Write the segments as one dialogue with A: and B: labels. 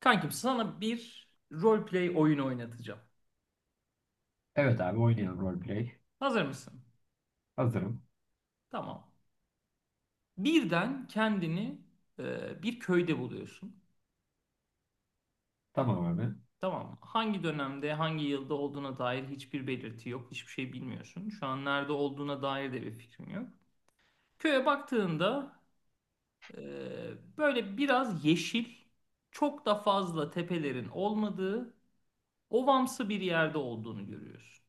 A: Kankim sana bir roleplay oyunu oynatacağım.
B: Evet abi oynayalım roleplay.
A: Hazır mısın?
B: Hazırım.
A: Tamam. Birden kendini bir köyde buluyorsun.
B: Tamam abi.
A: Tamam mı? Hangi dönemde, hangi yılda olduğuna dair hiçbir belirti yok. Hiçbir şey bilmiyorsun. Şu an nerede olduğuna dair de bir fikrin yok. Köye baktığında e, böyle biraz yeşil, çok da fazla tepelerin olmadığı, ovamsı bir yerde olduğunu görüyorsun.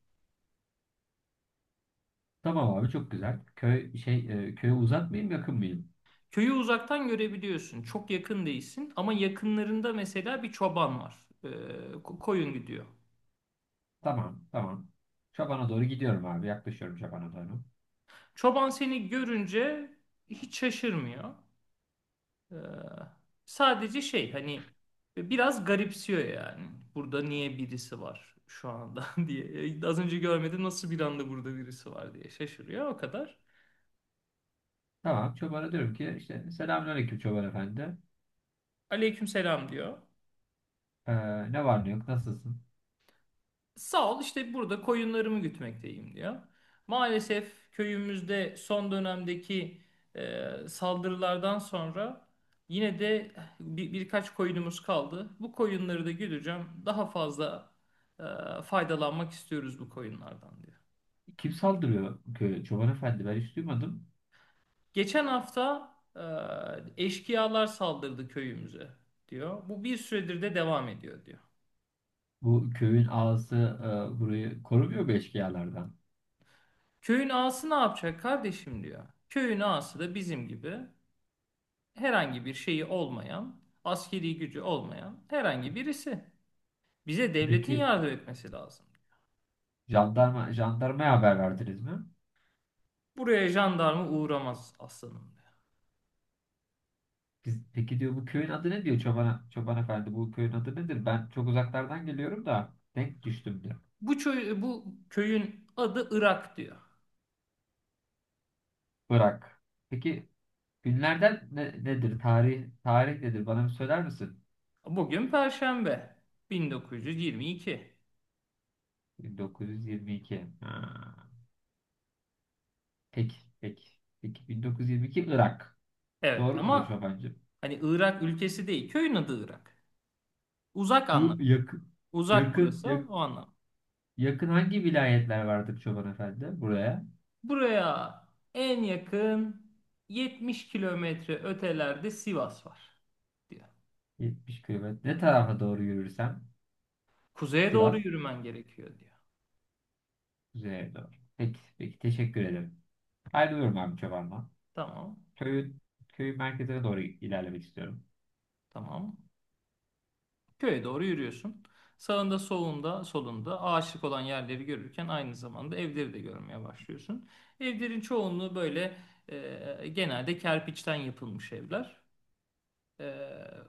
B: Tamam abi çok güzel. Köy köye uzak mıyım yakın mıyım?
A: Köyü uzaktan görebiliyorsun. Çok yakın değilsin ama yakınlarında mesela bir çoban var. Koyun gidiyor.
B: Tamam tamam. Çobana doğru gidiyorum abi. Yaklaşıyorum çobana doğru.
A: Çoban seni görünce hiç şaşırmıyor. Ee, Sadece şey hani biraz garipsiyor yani. Burada niye birisi var şu anda diye. Az önce görmedi, nasıl bir anda burada birisi var diye şaşırıyor o kadar.
B: Tamam çobana diyorum ki işte selamünaleyküm çoban efendi.
A: Aleykümselam diyor.
B: Ee, ne var ne yok nasılsın?
A: Sağ ol, işte burada koyunlarımı gütmekteyim diyor. Maalesef köyümüzde son dönemdeki saldırılardan sonra yine de birkaç koyunumuz kaldı. Bu koyunları da güdeceğim. Daha fazla e, faydalanmak istiyoruz bu koyunlardan diyor.
B: Kim saldırıyor köye? Çoban efendi ben hiç duymadım.
A: Geçen hafta eşkıyalar saldırdı köyümüze diyor. Bu bir süredir de devam ediyor diyor.
B: Bu köyün ağası burayı korumuyor mu eşkıyalardan?
A: Köyün ağası ne yapacak kardeşim diyor. Köyün ağası da bizim gibi, herhangi bir şeyi olmayan, askeri gücü olmayan herhangi birisi. Bize devletin
B: Peki
A: yardım etmesi lazım.
B: jandarmaya haber verdiniz mi?
A: Buraya jandarma uğramaz aslanım diyor.
B: Biz, peki diyor bu köyün adı ne diyor çobana, çoban efendi bu köyün adı nedir? Ben çok uzaklardan geliyorum da denk düştüm diyor.
A: Bu köyün adı Irak diyor.
B: Irak. Peki günlerden nedir? Tarih nedir? Bana bir söyler misin?
A: Bugün Perşembe, 1922.
B: 1922. Ha. Peki peki. Peki 1922 Irak.
A: Evet
B: Doğru mudur
A: ama
B: çobancım?
A: hani Irak ülkesi değil, köyün adı Irak. Uzak
B: Bu
A: anlamında.
B: yakın
A: Uzak,
B: yakın
A: burası o anlam.
B: yakın hangi vilayetler vardır çoban efendi? Buraya
A: Buraya en yakın 70 kilometre ötelerde Sivas var diyor.
B: 70 kilometre. Ne tarafa doğru yürürsem
A: Kuzeye doğru
B: Sivas
A: yürümen gerekiyor diyor.
B: üzerine doğru. Peki peki teşekkür ederim. Ayrılıyorum abi Çoban'dan.
A: Tamam,
B: Köyün, köyün merkezine doğru ilerlemek istiyorum.
A: tamam. Köye doğru yürüyorsun. Sağında, solunda, ağaçlık olan yerleri görürken aynı zamanda evleri de görmeye başlıyorsun. Evlerin çoğunluğu böyle genelde kerpiçten yapılmış evler. E,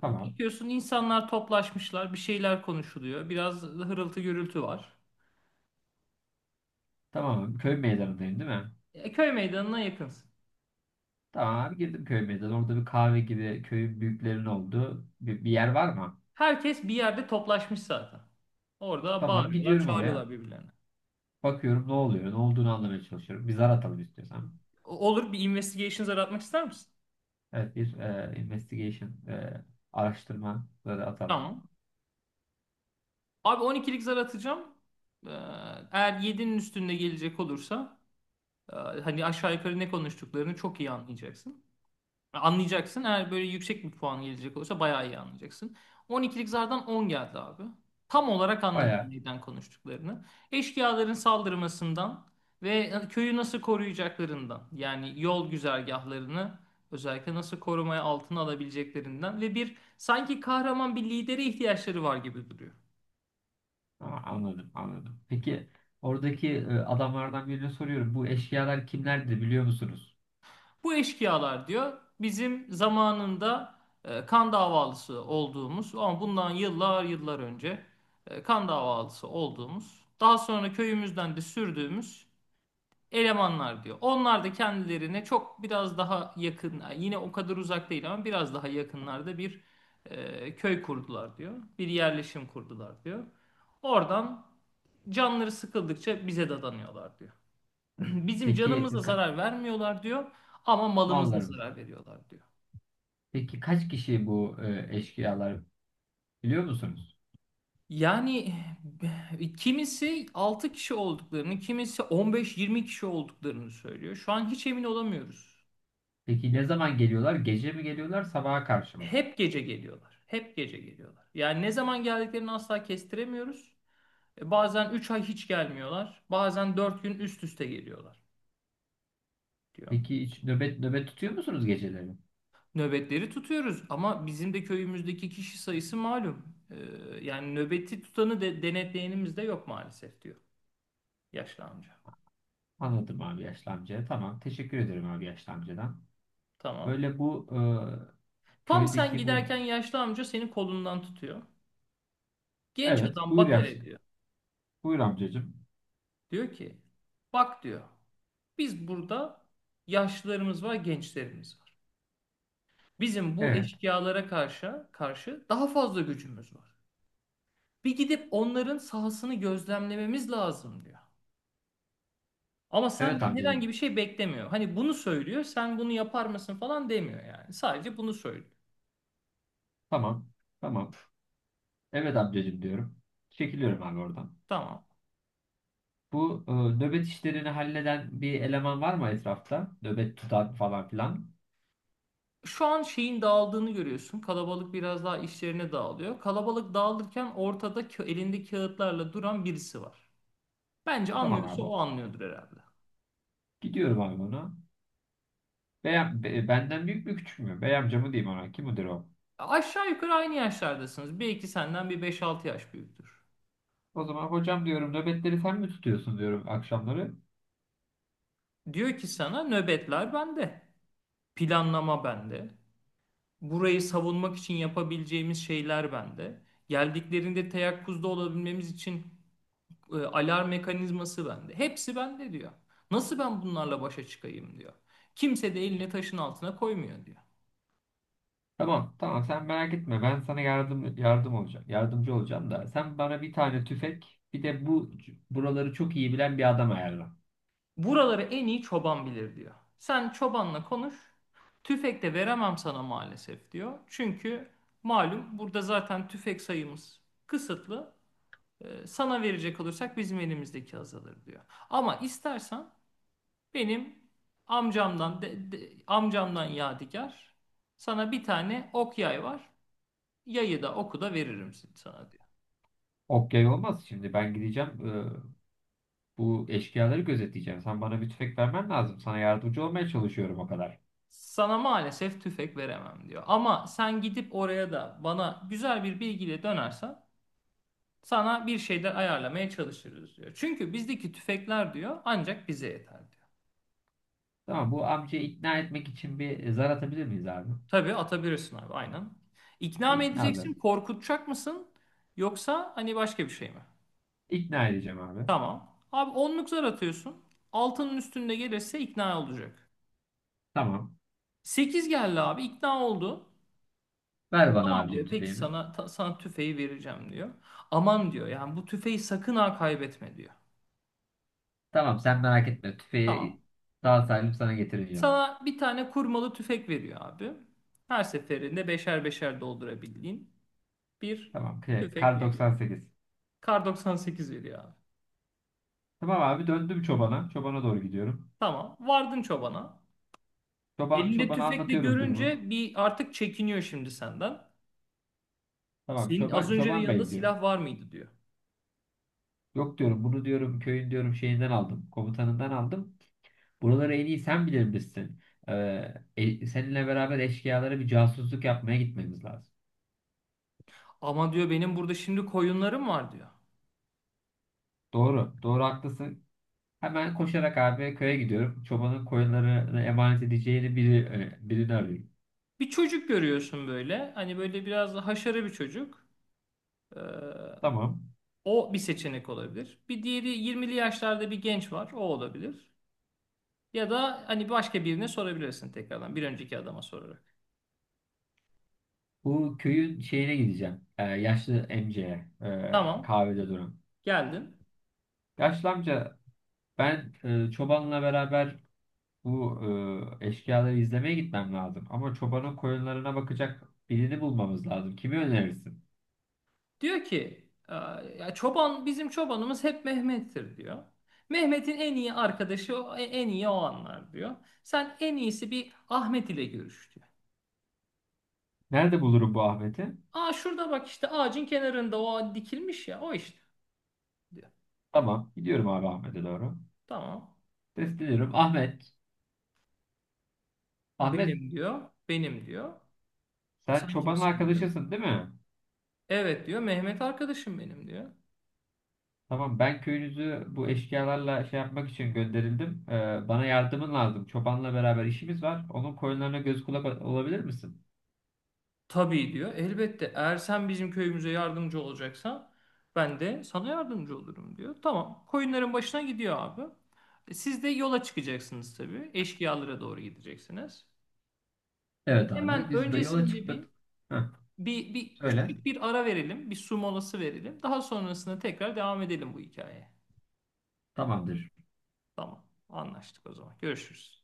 B: Tamam.
A: Bakıyorsun, insanlar toplaşmışlar, bir şeyler konuşuluyor. Biraz hırıltı gürültü var.
B: Tamam abi. Köy meydanındayım değil mi?
A: Köy meydanına yakınsın.
B: Tamam abi girdim köy meydanı. Orada bir kahve gibi köyün büyüklerinin olduğu bir yer var mı?
A: Herkes bir yerde toplaşmış zaten. Orada
B: Tamam
A: bağırıyorlar,
B: gidiyorum
A: çağırıyorlar
B: oraya.
A: birbirlerine.
B: Bakıyorum ne oluyor. Ne olduğunu anlamaya çalışıyorum. Bir zar atalım istiyorsan.
A: Olur, bir investigations aratmak ister misin?
B: Evet bir e, investigation e, araştırma zarı atalım.
A: Tamam. Abi 12'lik zar atacağım. Ee, Eğer 7'nin üstünde gelecek olursa hani aşağı yukarı ne konuştuklarını çok iyi anlayacaksın. Anlayacaksın. Eğer böyle yüksek bir puan gelecek olursa bayağı iyi anlayacaksın. 12'lik zardan 10 geldi abi. Tam olarak anladım
B: Bayağı.
A: neden konuştuklarını. Eşkıyaların saldırmasından ve köyü nasıl koruyacaklarından, yani yol güzergahlarını özellikle nasıl korumaya altına alabileceklerinden ve bir sanki kahraman bir lidere ihtiyaçları var gibi duruyor.
B: Aa, anladım. Peki oradaki adamlardan birine soruyorum. Bu eşyalar kimlerdi biliyor musunuz?
A: Bu eşkıyalar diyor, bizim zamanında kan davalısı olduğumuz ama bundan yıllar yıllar önce kan davalısı olduğumuz, daha sonra köyümüzden de sürdüğümüz elemanlar diyor. Onlar da kendilerine çok biraz daha yakın, yani yine o kadar uzak değil ama biraz daha yakınlarda bir köy kurdular diyor. Bir yerleşim kurdular diyor. Oradan canları sıkıldıkça bize dadanıyorlar diyor. Bizim canımıza
B: Peki ka-
A: zarar vermiyorlar diyor, ama malımıza
B: mallarım.
A: zarar veriyorlar diyor.
B: Peki kaç kişi bu eşkıyalar biliyor musunuz?
A: Yani kimisi 6 kişi olduklarını, kimisi 15, 20 kişi olduklarını söylüyor. Şu an hiç emin olamıyoruz
B: Peki
A: diyor.
B: ne zaman geliyorlar? Gece mi geliyorlar, sabaha karşı mı?
A: Hep gece geliyorlar. Hep gece geliyorlar. Yani ne zaman geldiklerini asla kestiremiyoruz. Bazen 3 ay hiç gelmiyorlar. Bazen 4 gün üst üste geliyorlar diyor.
B: Peki hiç nöbet tutuyor musunuz geceleri?
A: Nöbetleri tutuyoruz ama bizim de köyümüzdeki kişi sayısı malum. Yani nöbeti tutanı de, denetleyenimiz de yok maalesef diyor yaşlı amca.
B: Anladım abi yaşlı amca. Tamam. Teşekkür ederim abi yaşlı amcadan.
A: Tamam.
B: Böyle bu
A: Tam sen
B: köydeki bu...
A: giderken yaşlı amca senin kolundan tutuyor. Genç
B: Evet.
A: adam
B: Buyur
A: bakar
B: yaşlı.
A: ediyor.
B: Buyur amcacığım.
A: Diyor ki, bak diyor, biz burada yaşlılarımız var, gençlerimiz var. Bizim bu
B: Evet.
A: eşkıyalara karşı daha fazla gücümüz var. Bir gidip onların sahasını gözlemlememiz lazım diyor. Ama
B: Evet
A: senden herhangi
B: amcacığım.
A: bir şey beklemiyor. Hani bunu söylüyor, sen bunu yapar mısın falan demiyor yani. Sadece bunu söylüyor.
B: Tamam. Tamam. Evet amcacığım diyorum. Çekiliyorum abi oradan.
A: Tamam.
B: Bu nöbet işlerini halleden bir eleman var mı etrafta? Nöbet tutan falan filan.
A: Şu an şeyin dağıldığını görüyorsun. Kalabalık biraz daha işlerine dağılıyor. Kalabalık dağılırken ortada elinde kağıtlarla duran birisi var. Bence
B: Tamam
A: anlıyorsa
B: abi.
A: o anlıyordur herhalde.
B: Gidiyorum abi ona. Benden büyük mü küçük mü? Bey amcamı diyeyim ona. Kim müdür o?
A: Aşağı yukarı aynı yaşlardasınız. Belki senden bir 5-6 yaş büyüktür.
B: O zaman hocam diyorum nöbetleri sen mi tutuyorsun diyorum akşamları.
A: Diyor ki sana, nöbetler bende. Planlama bende. Burayı savunmak için yapabileceğimiz şeyler bende. Geldiklerinde teyakkuzda olabilmemiz için alarm mekanizması bende. Hepsi bende diyor. Nasıl ben bunlarla başa çıkayım diyor. Kimse de elini taşın altına koymuyor diyor.
B: Tamam tamam sen merak etme ben sana yardım olacağım. Yardımcı olacağım da sen bana bir tane tüfek bir de buraları çok iyi bilen bir adam ayarla.
A: Buraları en iyi çoban bilir diyor. Sen çobanla konuş. Tüfek de veremem sana maalesef diyor. Çünkü malum, burada zaten tüfek sayımız kısıtlı. Sana verecek olursak bizim elimizdeki azalır diyor. Ama istersen benim amcamdan, Yadigar, sana bir tane ok yay var. Yayı da oku da veririm sana diyor.
B: Ok yay olmaz şimdi ben gideceğim bu eşkıyaları gözetleyeceğim. Sen bana bir tüfek vermen lazım. Sana yardımcı olmaya çalışıyorum o kadar.
A: Sana maalesef tüfek veremem diyor. Ama sen gidip oraya da bana güzel bir bilgiyle dönersen sana bir şeyler ayarlamaya çalışırız diyor. Çünkü bizdeki tüfekler diyor ancak bize yeter diyor.
B: Tamam bu amcayı ikna etmek için bir zar atabilir miyiz abi?
A: Tabii atabilirsin abi, aynen. İkna
B: Bir
A: mı
B: ikna zarı.
A: edeceksin, korkutacak mısın, yoksa hani başka bir şey mi?
B: İkna edeceğim abi.
A: Tamam. Abi 10'luk zar atıyorsun. Altının üstünde gelirse ikna olacak.
B: Tamam.
A: 8 geldi abi, ikna oldu.
B: Ver bana
A: Tamam
B: abicim
A: diyor. Peki
B: tüfeğimi.
A: sana ta- sana tüfeği vereceğim diyor. Aman diyor, yani bu tüfeği sakın ha kaybetme diyor.
B: Tamam sen merak etme.
A: Tamam.
B: Tüfeği sağ salim sana getireceğim.
A: Sana bir tane kurmalı tüfek veriyor abi. Her seferinde beşer beşer doldurabildiğin bir
B: Tamam.
A: tüfek
B: Kar
A: veriyor.
B: 98.
A: Kar 98 veriyor abi.
B: Tamam abi döndüm çobana. Çobana doğru gidiyorum.
A: Tamam. Vardın çobana. Elinde
B: Çobana
A: tüfekle
B: anlatıyorum durumu.
A: görünce bir artık çekiniyor şimdi senden.
B: Tamam
A: Senin az önce de
B: çoban
A: yanında
B: bey diyor.
A: silah var mıydı diyor.
B: Yok diyorum bunu diyorum köyün diyorum şeyinden aldım. Komutanından aldım. Buraları en iyi sen bilir misin? Seninle beraber eşkıyalara bir casusluk yapmaya gitmemiz lazım.
A: Ama diyor, benim burada şimdi koyunlarım var diyor.
B: Doğru. Doğru haklısın. Hemen koşarak abi köye gidiyorum. Çobanın koyunlarını emanet edeceğini birini arıyorum.
A: Bir çocuk görüyorsun böyle. Hani böyle biraz da haşarı bir çocuk. Ee,
B: Tamam.
A: O bir seçenek olabilir. Bir diğeri, 20'li yaşlarda bir genç var. O olabilir. Ya da hani başka birine sorabilirsin tekrardan. Bir önceki adama sorarak.
B: Bu köyün şeyine gideceğim. E, yaşlı amcaya,
A: Tamam,
B: kahvede duran.
A: geldin.
B: Yaşlı amca ben çobanla beraber bu eşkıyaları izlemeye gitmem lazım. Ama çobanın koyunlarına bakacak birini bulmamız lazım. Kimi önerirsin?
A: Diyor ki, Ya çoban, bizim çobanımız hep Mehmet'tir diyor. Mehmet'in en iyi arkadaşı, en iyi o anlar diyor. Sen en iyisi bir Ahmet ile görüş diyor.
B: Nerede bulurum bu Ahmet'i?
A: Aa şurada bak işte, ağacın kenarında o dikilmiş ya, o işte diyor.
B: Tamam. Gidiyorum abi Ahmet'e doğru.
A: Tamam.
B: Sesleniyorum. Ahmet. Ahmet
A: Benim diyor. Benim diyor.
B: sen
A: Sen
B: çobanın
A: kimsin diyor.
B: arkadaşısın değil mi?
A: Evet diyor. Mehmet arkadaşım benim diyor.
B: Tamam ben köyünüzü bu eşkıyalarla şey yapmak için gönderildim. Bana yardımın lazım. Çobanla beraber işimiz var. Onun koyunlarına göz kulak olabilir misin?
A: Tabii diyor. Elbette eğer sen bizim köyümüze yardımcı olacaksan ben de sana yardımcı olurum diyor. Tamam. Koyunların başına gidiyor abi. Siz de yola çıkacaksınız tabii. Eşkıyalara doğru gideceksiniz.
B: Evet abi
A: Hemen
B: biz de yola
A: öncesinde bir
B: çıkmadık. Heh,
A: bir, bir
B: söyle.
A: küçük bir ara verelim. Bir su molası verelim. Daha sonrasında tekrar devam edelim bu hikayeye.
B: Tamamdır.
A: Tamam. Anlaştık o zaman. Görüşürüz.